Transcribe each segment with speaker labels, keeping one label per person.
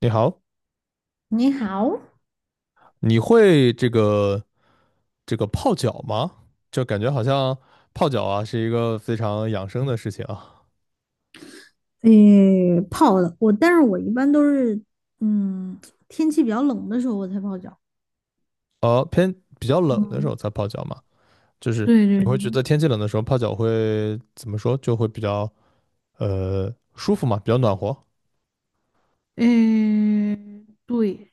Speaker 1: 你好，
Speaker 2: 你好，
Speaker 1: 你会这个泡脚吗？就感觉好像泡脚啊是一个非常养生的事情啊。
Speaker 2: 诶，泡的我，但是我一般都是，嗯，天气比较冷的时候我才泡脚。
Speaker 1: 呃，偏比较冷的时
Speaker 2: 嗯，
Speaker 1: 候才泡脚嘛，就是
Speaker 2: 对
Speaker 1: 你
Speaker 2: 对
Speaker 1: 会觉
Speaker 2: 对，
Speaker 1: 得天气冷的时候泡脚会怎么说，就会比较舒服嘛，比较暖和。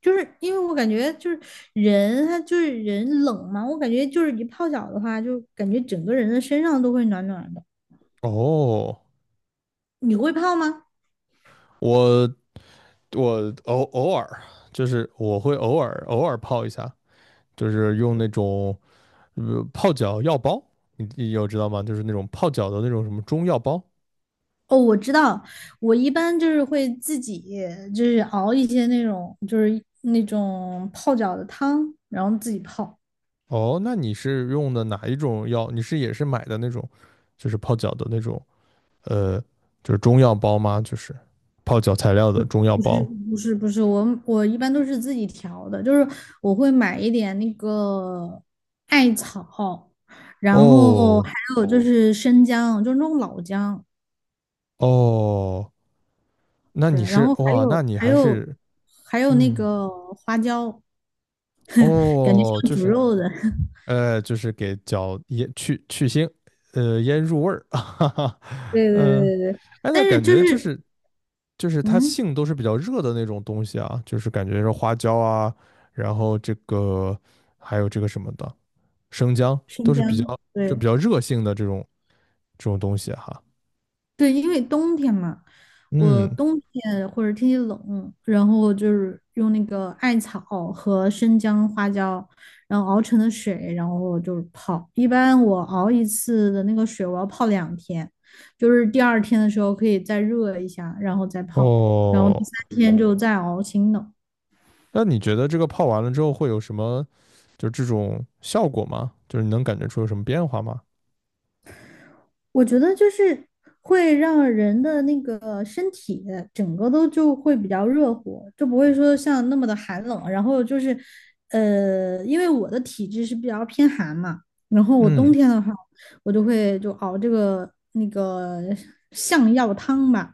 Speaker 2: 就是因为我感觉就是人，他就是人冷嘛，我感觉就是一泡脚的话，就感觉整个人的身上都会暖暖的。
Speaker 1: 哦，
Speaker 2: 你会泡吗？
Speaker 1: 我我偶偶尔就是我会偶尔泡一下，就是用那种泡脚药包，你有知道吗？就是那种泡脚的那种什么中药包。
Speaker 2: 哦，我知道，我一般就是会自己就是熬一些那种就是那种泡脚的汤，然后自己泡。
Speaker 1: 哦，那你是用的哪一种药？你是也是买的那种，就是泡脚的那种，呃，就是中药包吗？就是泡脚材料的中药
Speaker 2: 不是
Speaker 1: 包。
Speaker 2: 不是不是，我一般都是自己调的，就是我会买一点那个艾草，然后
Speaker 1: 哦
Speaker 2: 还有就哦是生姜，就是那种老姜，
Speaker 1: 哦，那
Speaker 2: 对，
Speaker 1: 你
Speaker 2: 然
Speaker 1: 是
Speaker 2: 后还
Speaker 1: 哇，那
Speaker 2: 有
Speaker 1: 你
Speaker 2: 还
Speaker 1: 还
Speaker 2: 有
Speaker 1: 是
Speaker 2: 还有那
Speaker 1: 嗯，
Speaker 2: 个花椒，感觉
Speaker 1: 哦，
Speaker 2: 像
Speaker 1: 就
Speaker 2: 煮
Speaker 1: 是，
Speaker 2: 肉的，
Speaker 1: 就是给脚腌去腥，呃，腌入味儿，哈哈，
Speaker 2: 对对
Speaker 1: 嗯，
Speaker 2: 对对对，
Speaker 1: 哎，
Speaker 2: 但
Speaker 1: 那
Speaker 2: 是
Speaker 1: 感
Speaker 2: 就
Speaker 1: 觉就
Speaker 2: 是
Speaker 1: 是就是它
Speaker 2: 嗯，
Speaker 1: 性都是比较热的那种东西啊，就是感觉是花椒啊，然后这个还有这个什么的生姜都
Speaker 2: 生
Speaker 1: 是比较
Speaker 2: 姜，
Speaker 1: 就
Speaker 2: 对，
Speaker 1: 比较热性的这种东西哈。
Speaker 2: 对，因为冬天嘛，我
Speaker 1: 嗯，
Speaker 2: 冬天或者天气冷，然后就是用那个艾草和生姜、花椒，然后熬成的水，然后就是泡。一般我熬一次的那个水，我要泡两天，就是第二天的时候可以再热一下，然后再泡，然后第
Speaker 1: 哦，
Speaker 2: 三天就再熬新的。
Speaker 1: 那你觉得这个泡完了之后会有什么就这种效果吗？就是你能感觉出有什么变化吗？
Speaker 2: 我觉得就是会让人的那个身体整个都就会比较热乎，就不会说像那么的寒冷。然后就是，因为我的体质是比较偏寒嘛，然后我冬
Speaker 1: 嗯，
Speaker 2: 天的话，我就会就熬这个那个象药汤吧。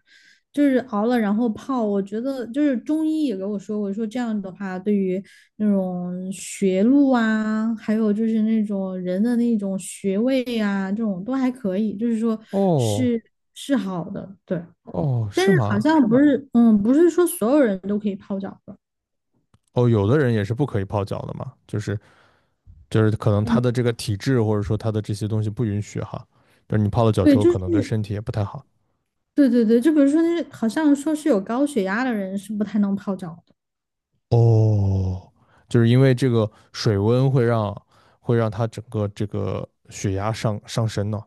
Speaker 2: 就是熬了然后泡，我觉得就是中医也给我说过，说这样的话对于那种学路啊，还有就是那种人的那种穴位啊，这种都还可以，就是说
Speaker 1: 哦。
Speaker 2: 是是好的，对。
Speaker 1: 哦，
Speaker 2: 但
Speaker 1: 是
Speaker 2: 是好
Speaker 1: 吗？
Speaker 2: 像不是，嗯，不是说所有人都可以泡脚的，
Speaker 1: 哦，有的人也是不可以泡脚的嘛，就是就是可能他
Speaker 2: 嗯，
Speaker 1: 的这个体质或者说他的这些东西不允许哈，就是你泡了脚
Speaker 2: 对，
Speaker 1: 之后
Speaker 2: 就
Speaker 1: 可
Speaker 2: 是
Speaker 1: 能对身体也不太好。
Speaker 2: 对对对，就比如说那好像说是有高血压的人是不太能泡脚的，
Speaker 1: 哦，就是因为这个水温会让他整个这个血压上升呢。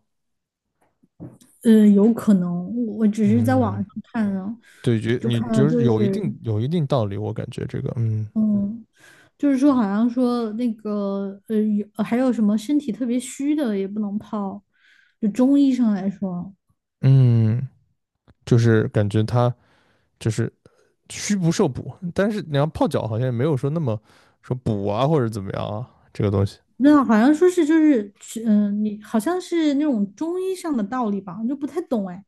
Speaker 2: 有可能，我只是在网
Speaker 1: 嗯，
Speaker 2: 上看啊，
Speaker 1: 对，觉
Speaker 2: 就
Speaker 1: 你
Speaker 2: 看到
Speaker 1: 就
Speaker 2: 就
Speaker 1: 是有一
Speaker 2: 是
Speaker 1: 定有一定道理，我感觉这个，嗯
Speaker 2: 嗯。就是说好像说那个有还有什么身体特别虚的也不能泡，就中医上来说，
Speaker 1: 嗯，就是感觉他就是虚不受补，但是你要泡脚好像也没有说那么说补啊或者怎么样啊这个东西。
Speaker 2: 那好像说是就是嗯，你好像是那种中医上的道理吧，我就不太懂哎。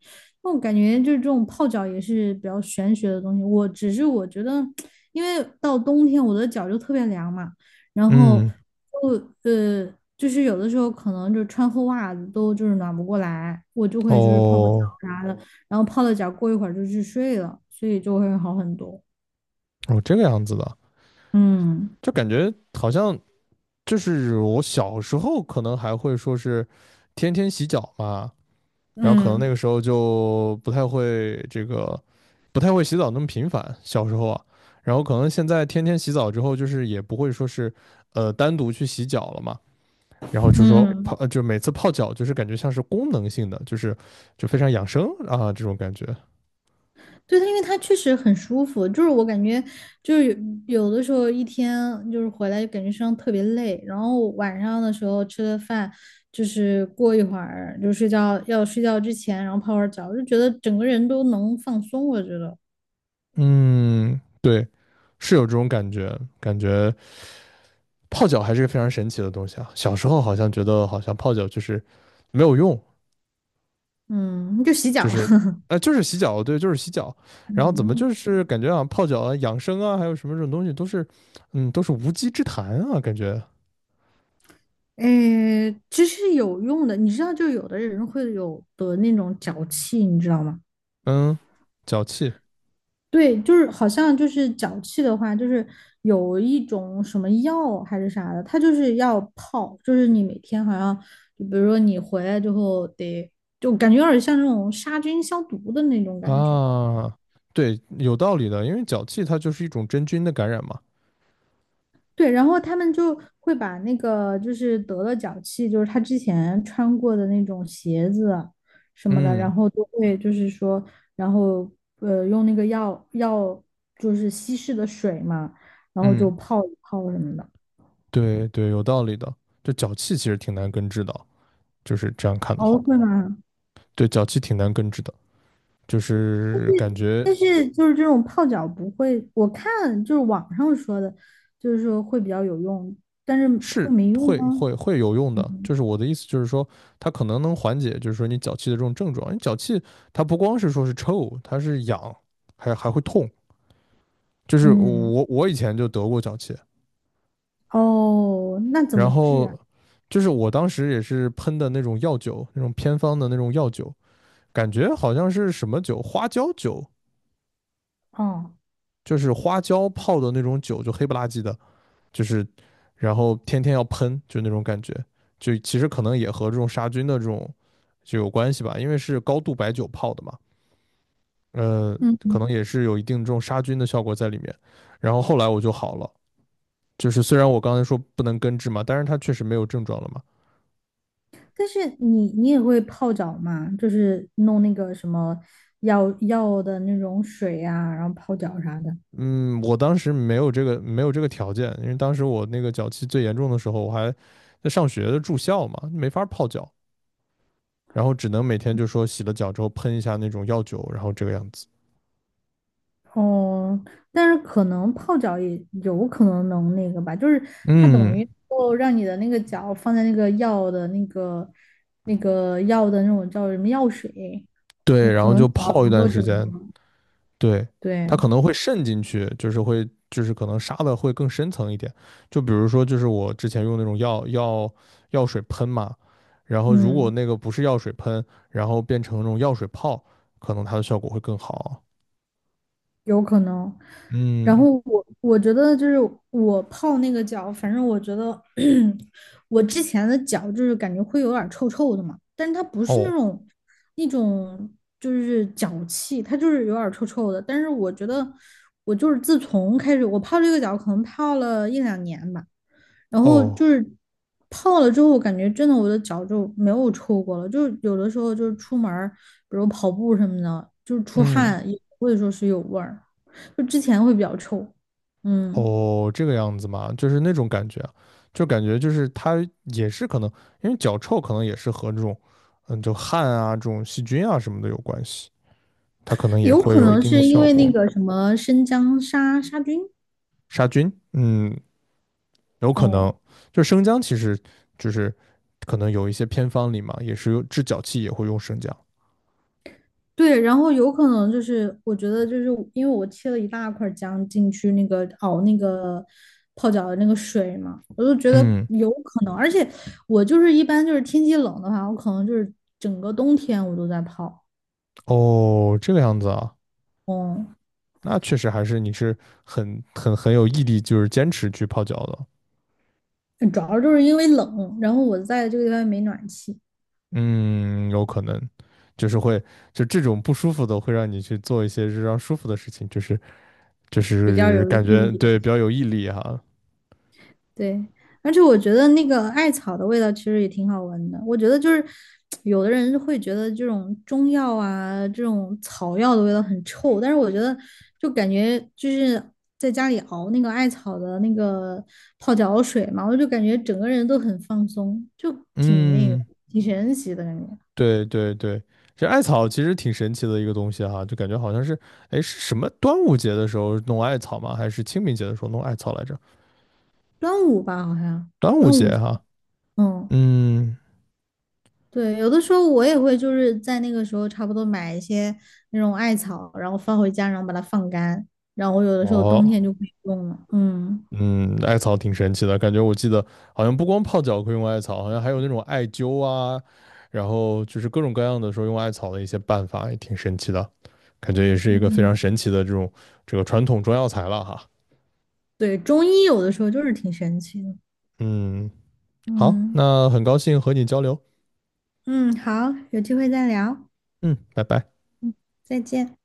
Speaker 2: 那我感觉就是这种泡脚也是比较玄学的东西。我只是我觉得，因为到冬天我的脚就特别凉嘛，然后
Speaker 1: 嗯，
Speaker 2: 就就是有的时候可能就穿厚袜子都就是暖不过来，我就会就是泡泡脚
Speaker 1: 哦
Speaker 2: 啥的，然后泡了脚过一会儿就去睡了，所以就会好很多。
Speaker 1: 哦，这个样子的，
Speaker 2: 嗯
Speaker 1: 就感觉好像就是我小时候可能还会说是天天洗脚嘛，然后可能那
Speaker 2: 嗯
Speaker 1: 个时候就不太会这个不太会洗澡那么频繁，小时候啊，然后可能现在天天洗澡之后，就是也不会说是单独去洗脚了嘛。然后就说
Speaker 2: 嗯。嗯
Speaker 1: 泡，就每次泡脚就是感觉像是功能性的，就是就非常养生啊这种感觉。
Speaker 2: 对它，因为它确实很舒服，就是我感觉，就是有的时候一天就是回来就感觉身上特别累，然后晚上的时候吃了饭，就是过一会儿就睡觉，要睡觉之前，然后泡会儿澡，就觉得整个人都能放松。我觉得，
Speaker 1: 嗯，对，是有这种感觉，感觉泡脚还是个非常神奇的东西啊。小时候好像觉得好像泡脚就是没有用，
Speaker 2: 嗯，就洗
Speaker 1: 就
Speaker 2: 脚，
Speaker 1: 是 就是洗脚，对，就是洗脚。然后怎么
Speaker 2: 嗯，
Speaker 1: 就是感觉啊泡脚啊养生啊还有什么这种东西都是嗯都是无稽之谈啊，感觉
Speaker 2: 诶，其实有用的，你知道，就有的人会有得那种脚气，你知道吗？
Speaker 1: 嗯脚气
Speaker 2: 对，就是好像就是脚气的话，就是有一种什么药还是啥的，它就是要泡，就是你每天好像，就比如说你回来之后得，就感觉有点像那种杀菌消毒的那种感觉。
Speaker 1: 啊。对，有道理的，因为脚气它就是一种真菌的感染嘛。
Speaker 2: 对，然后他们就会把那个就是得了脚气，就是他之前穿过的那种鞋子什么的，
Speaker 1: 嗯
Speaker 2: 然后都会就是说，然后用那个药就是稀释的水嘛，然后就
Speaker 1: 嗯，
Speaker 2: 泡一泡什么的。
Speaker 1: 对对，有道理的。就脚气其实挺难根治的，就是这样看的
Speaker 2: 哦，
Speaker 1: 话，
Speaker 2: 会吗？
Speaker 1: 对，脚气挺难根治的，就是感觉
Speaker 2: 但是就是这种泡脚不会，我看就是网上说的，就是说会比较有用，但是会
Speaker 1: 是
Speaker 2: 没用
Speaker 1: 会
Speaker 2: 吗？
Speaker 1: 会会有用的。
Speaker 2: 嗯
Speaker 1: 就是我的意思就是说，它可能能缓解，就是说你脚气的这种症状。因为脚气它不光是说是臭，它是痒，还会痛。就是
Speaker 2: 嗯，
Speaker 1: 我以前就得过脚气，
Speaker 2: 哦，那怎
Speaker 1: 然
Speaker 2: 么治啊？
Speaker 1: 后就是我当时也是喷的那种药酒，那种偏方的那种药酒，感觉好像是什么酒，花椒酒
Speaker 2: 哦，
Speaker 1: 就是花椒泡的那种酒，就黑不拉几的，就是然后天天要喷，就那种感觉，就其实可能也和这种杀菌的这种就有关系吧，因为是高度白酒泡的嘛，呃，可
Speaker 2: 嗯，
Speaker 1: 能也是有一定这种杀菌的效果在里面。然后后来我就好了，就是虽然我刚才说不能根治嘛，但是它确实没有症状了嘛。
Speaker 2: 但是你也会泡脚吗？就是弄那个什么药的那种水啊，然后泡脚啥的。
Speaker 1: 嗯，我当时没有这个条件，因为当时我那个脚气最严重的时候，我还在上学的住校嘛，没法泡脚。然后只能每天就说洗了脚之后喷一下那种药酒，然后这个样子。
Speaker 2: 哦，但是可能泡脚也有可能能那个吧，就是它等
Speaker 1: 嗯，
Speaker 2: 于让你的那个脚放在那个药的那个那个药的那种叫什么药水，
Speaker 1: 对，
Speaker 2: 你
Speaker 1: 然
Speaker 2: 可
Speaker 1: 后
Speaker 2: 能
Speaker 1: 就
Speaker 2: 脚
Speaker 1: 泡一
Speaker 2: 能
Speaker 1: 段
Speaker 2: 够怎
Speaker 1: 时间，
Speaker 2: 么
Speaker 1: 对，
Speaker 2: 对，
Speaker 1: 它可能会渗进去，就是会就是可能杀的会更深层一点。就比如说，就是我之前用那种药水喷嘛，然后如果
Speaker 2: 嗯。
Speaker 1: 那个不是药水喷，然后变成那种药水泡，可能它的效果会更好。
Speaker 2: 有可能。然
Speaker 1: 嗯，
Speaker 2: 后我觉得就是我泡那个脚，反正我觉得 我之前的脚就是感觉会有点儿臭臭的嘛，但是它不是那
Speaker 1: 哦
Speaker 2: 种那种就是脚气，它就是有点儿臭臭的。但是我觉得我就是自从开始我泡这个脚，可能泡了一两年吧。然后就
Speaker 1: 哦，
Speaker 2: 是泡了之后，我感觉真的我的脚就没有臭过了，就是有的时候就是出门儿，比如跑步什么的，就是出
Speaker 1: 嗯。
Speaker 2: 汗也不会说是有味儿，就之前会比较臭，嗯，
Speaker 1: 哦，这个样子嘛，就是那种感觉啊就感觉就是它也是可能，因为脚臭可能也是和这种，嗯，就汗啊这种细菌啊什么的有关系，它可能也
Speaker 2: 有
Speaker 1: 会
Speaker 2: 可
Speaker 1: 有一
Speaker 2: 能
Speaker 1: 定的
Speaker 2: 是因
Speaker 1: 效
Speaker 2: 为那
Speaker 1: 果，
Speaker 2: 个什么生姜杀菌，
Speaker 1: 杀菌，嗯，有可能。
Speaker 2: 哦，
Speaker 1: 就生姜其实就是可能有一些偏方里嘛，也是有治脚气也会用生姜。
Speaker 2: 对，然后有可能就是我觉得就是因为我切了一大块姜进去那个熬那个泡脚的那个水嘛，我就觉得
Speaker 1: 嗯，
Speaker 2: 有可能，而且我就是一般就是天气冷的话，我可能就是整个冬天我都在泡，
Speaker 1: 哦，这个样子啊，
Speaker 2: 嗯，
Speaker 1: 那确实还是你是很有毅力，就是坚持去泡脚的。
Speaker 2: 主要就是因为冷，然后我在这个地方没暖气，
Speaker 1: 嗯，有可能，就是会，就这种不舒服的会让你去做一些日常舒服的事情，就是就
Speaker 2: 比较
Speaker 1: 是
Speaker 2: 有
Speaker 1: 感
Speaker 2: 毅
Speaker 1: 觉
Speaker 2: 力的。
Speaker 1: 对比较有毅力哈。
Speaker 2: 对，而且我觉得那个艾草的味道其实也挺好闻的。我觉得就是有的人会觉得这种中药啊，这种草药的味道很臭，但是我觉得就感觉就是在家里熬那个艾草的那个泡脚水嘛，我就感觉整个人都很放松，就挺那个
Speaker 1: 嗯，
Speaker 2: 挺神奇的感觉。
Speaker 1: 对对对，这艾草其实挺神奇的一个东西哈，就感觉好像是，哎，是什么端午节的时候弄艾草吗？还是清明节的时候弄艾草来着？
Speaker 2: 端午吧，好像
Speaker 1: 端午
Speaker 2: 端
Speaker 1: 节
Speaker 2: 午，
Speaker 1: 哈。
Speaker 2: 嗯。
Speaker 1: 嗯，
Speaker 2: 对，有的时候我也会就是在那个时候差不多买一些那种艾草，然后放回家，然后把它放干，然后我有的时候冬天
Speaker 1: 哦，
Speaker 2: 就可以用了。嗯
Speaker 1: 嗯，艾草挺神奇的，感觉我记得好像不光泡脚可以用艾草，好像还有那种艾灸啊，然后就是各种各样的说用艾草的一些办法，也挺神奇的，感觉也是一个非常
Speaker 2: 嗯，
Speaker 1: 神奇的这种这个传统中药材了哈。
Speaker 2: 对，中医有的时候就是挺神奇的。
Speaker 1: 嗯，好，
Speaker 2: 嗯
Speaker 1: 那很高兴和你交流，
Speaker 2: 嗯，好，有机会再聊，
Speaker 1: 嗯，拜拜。
Speaker 2: 再见。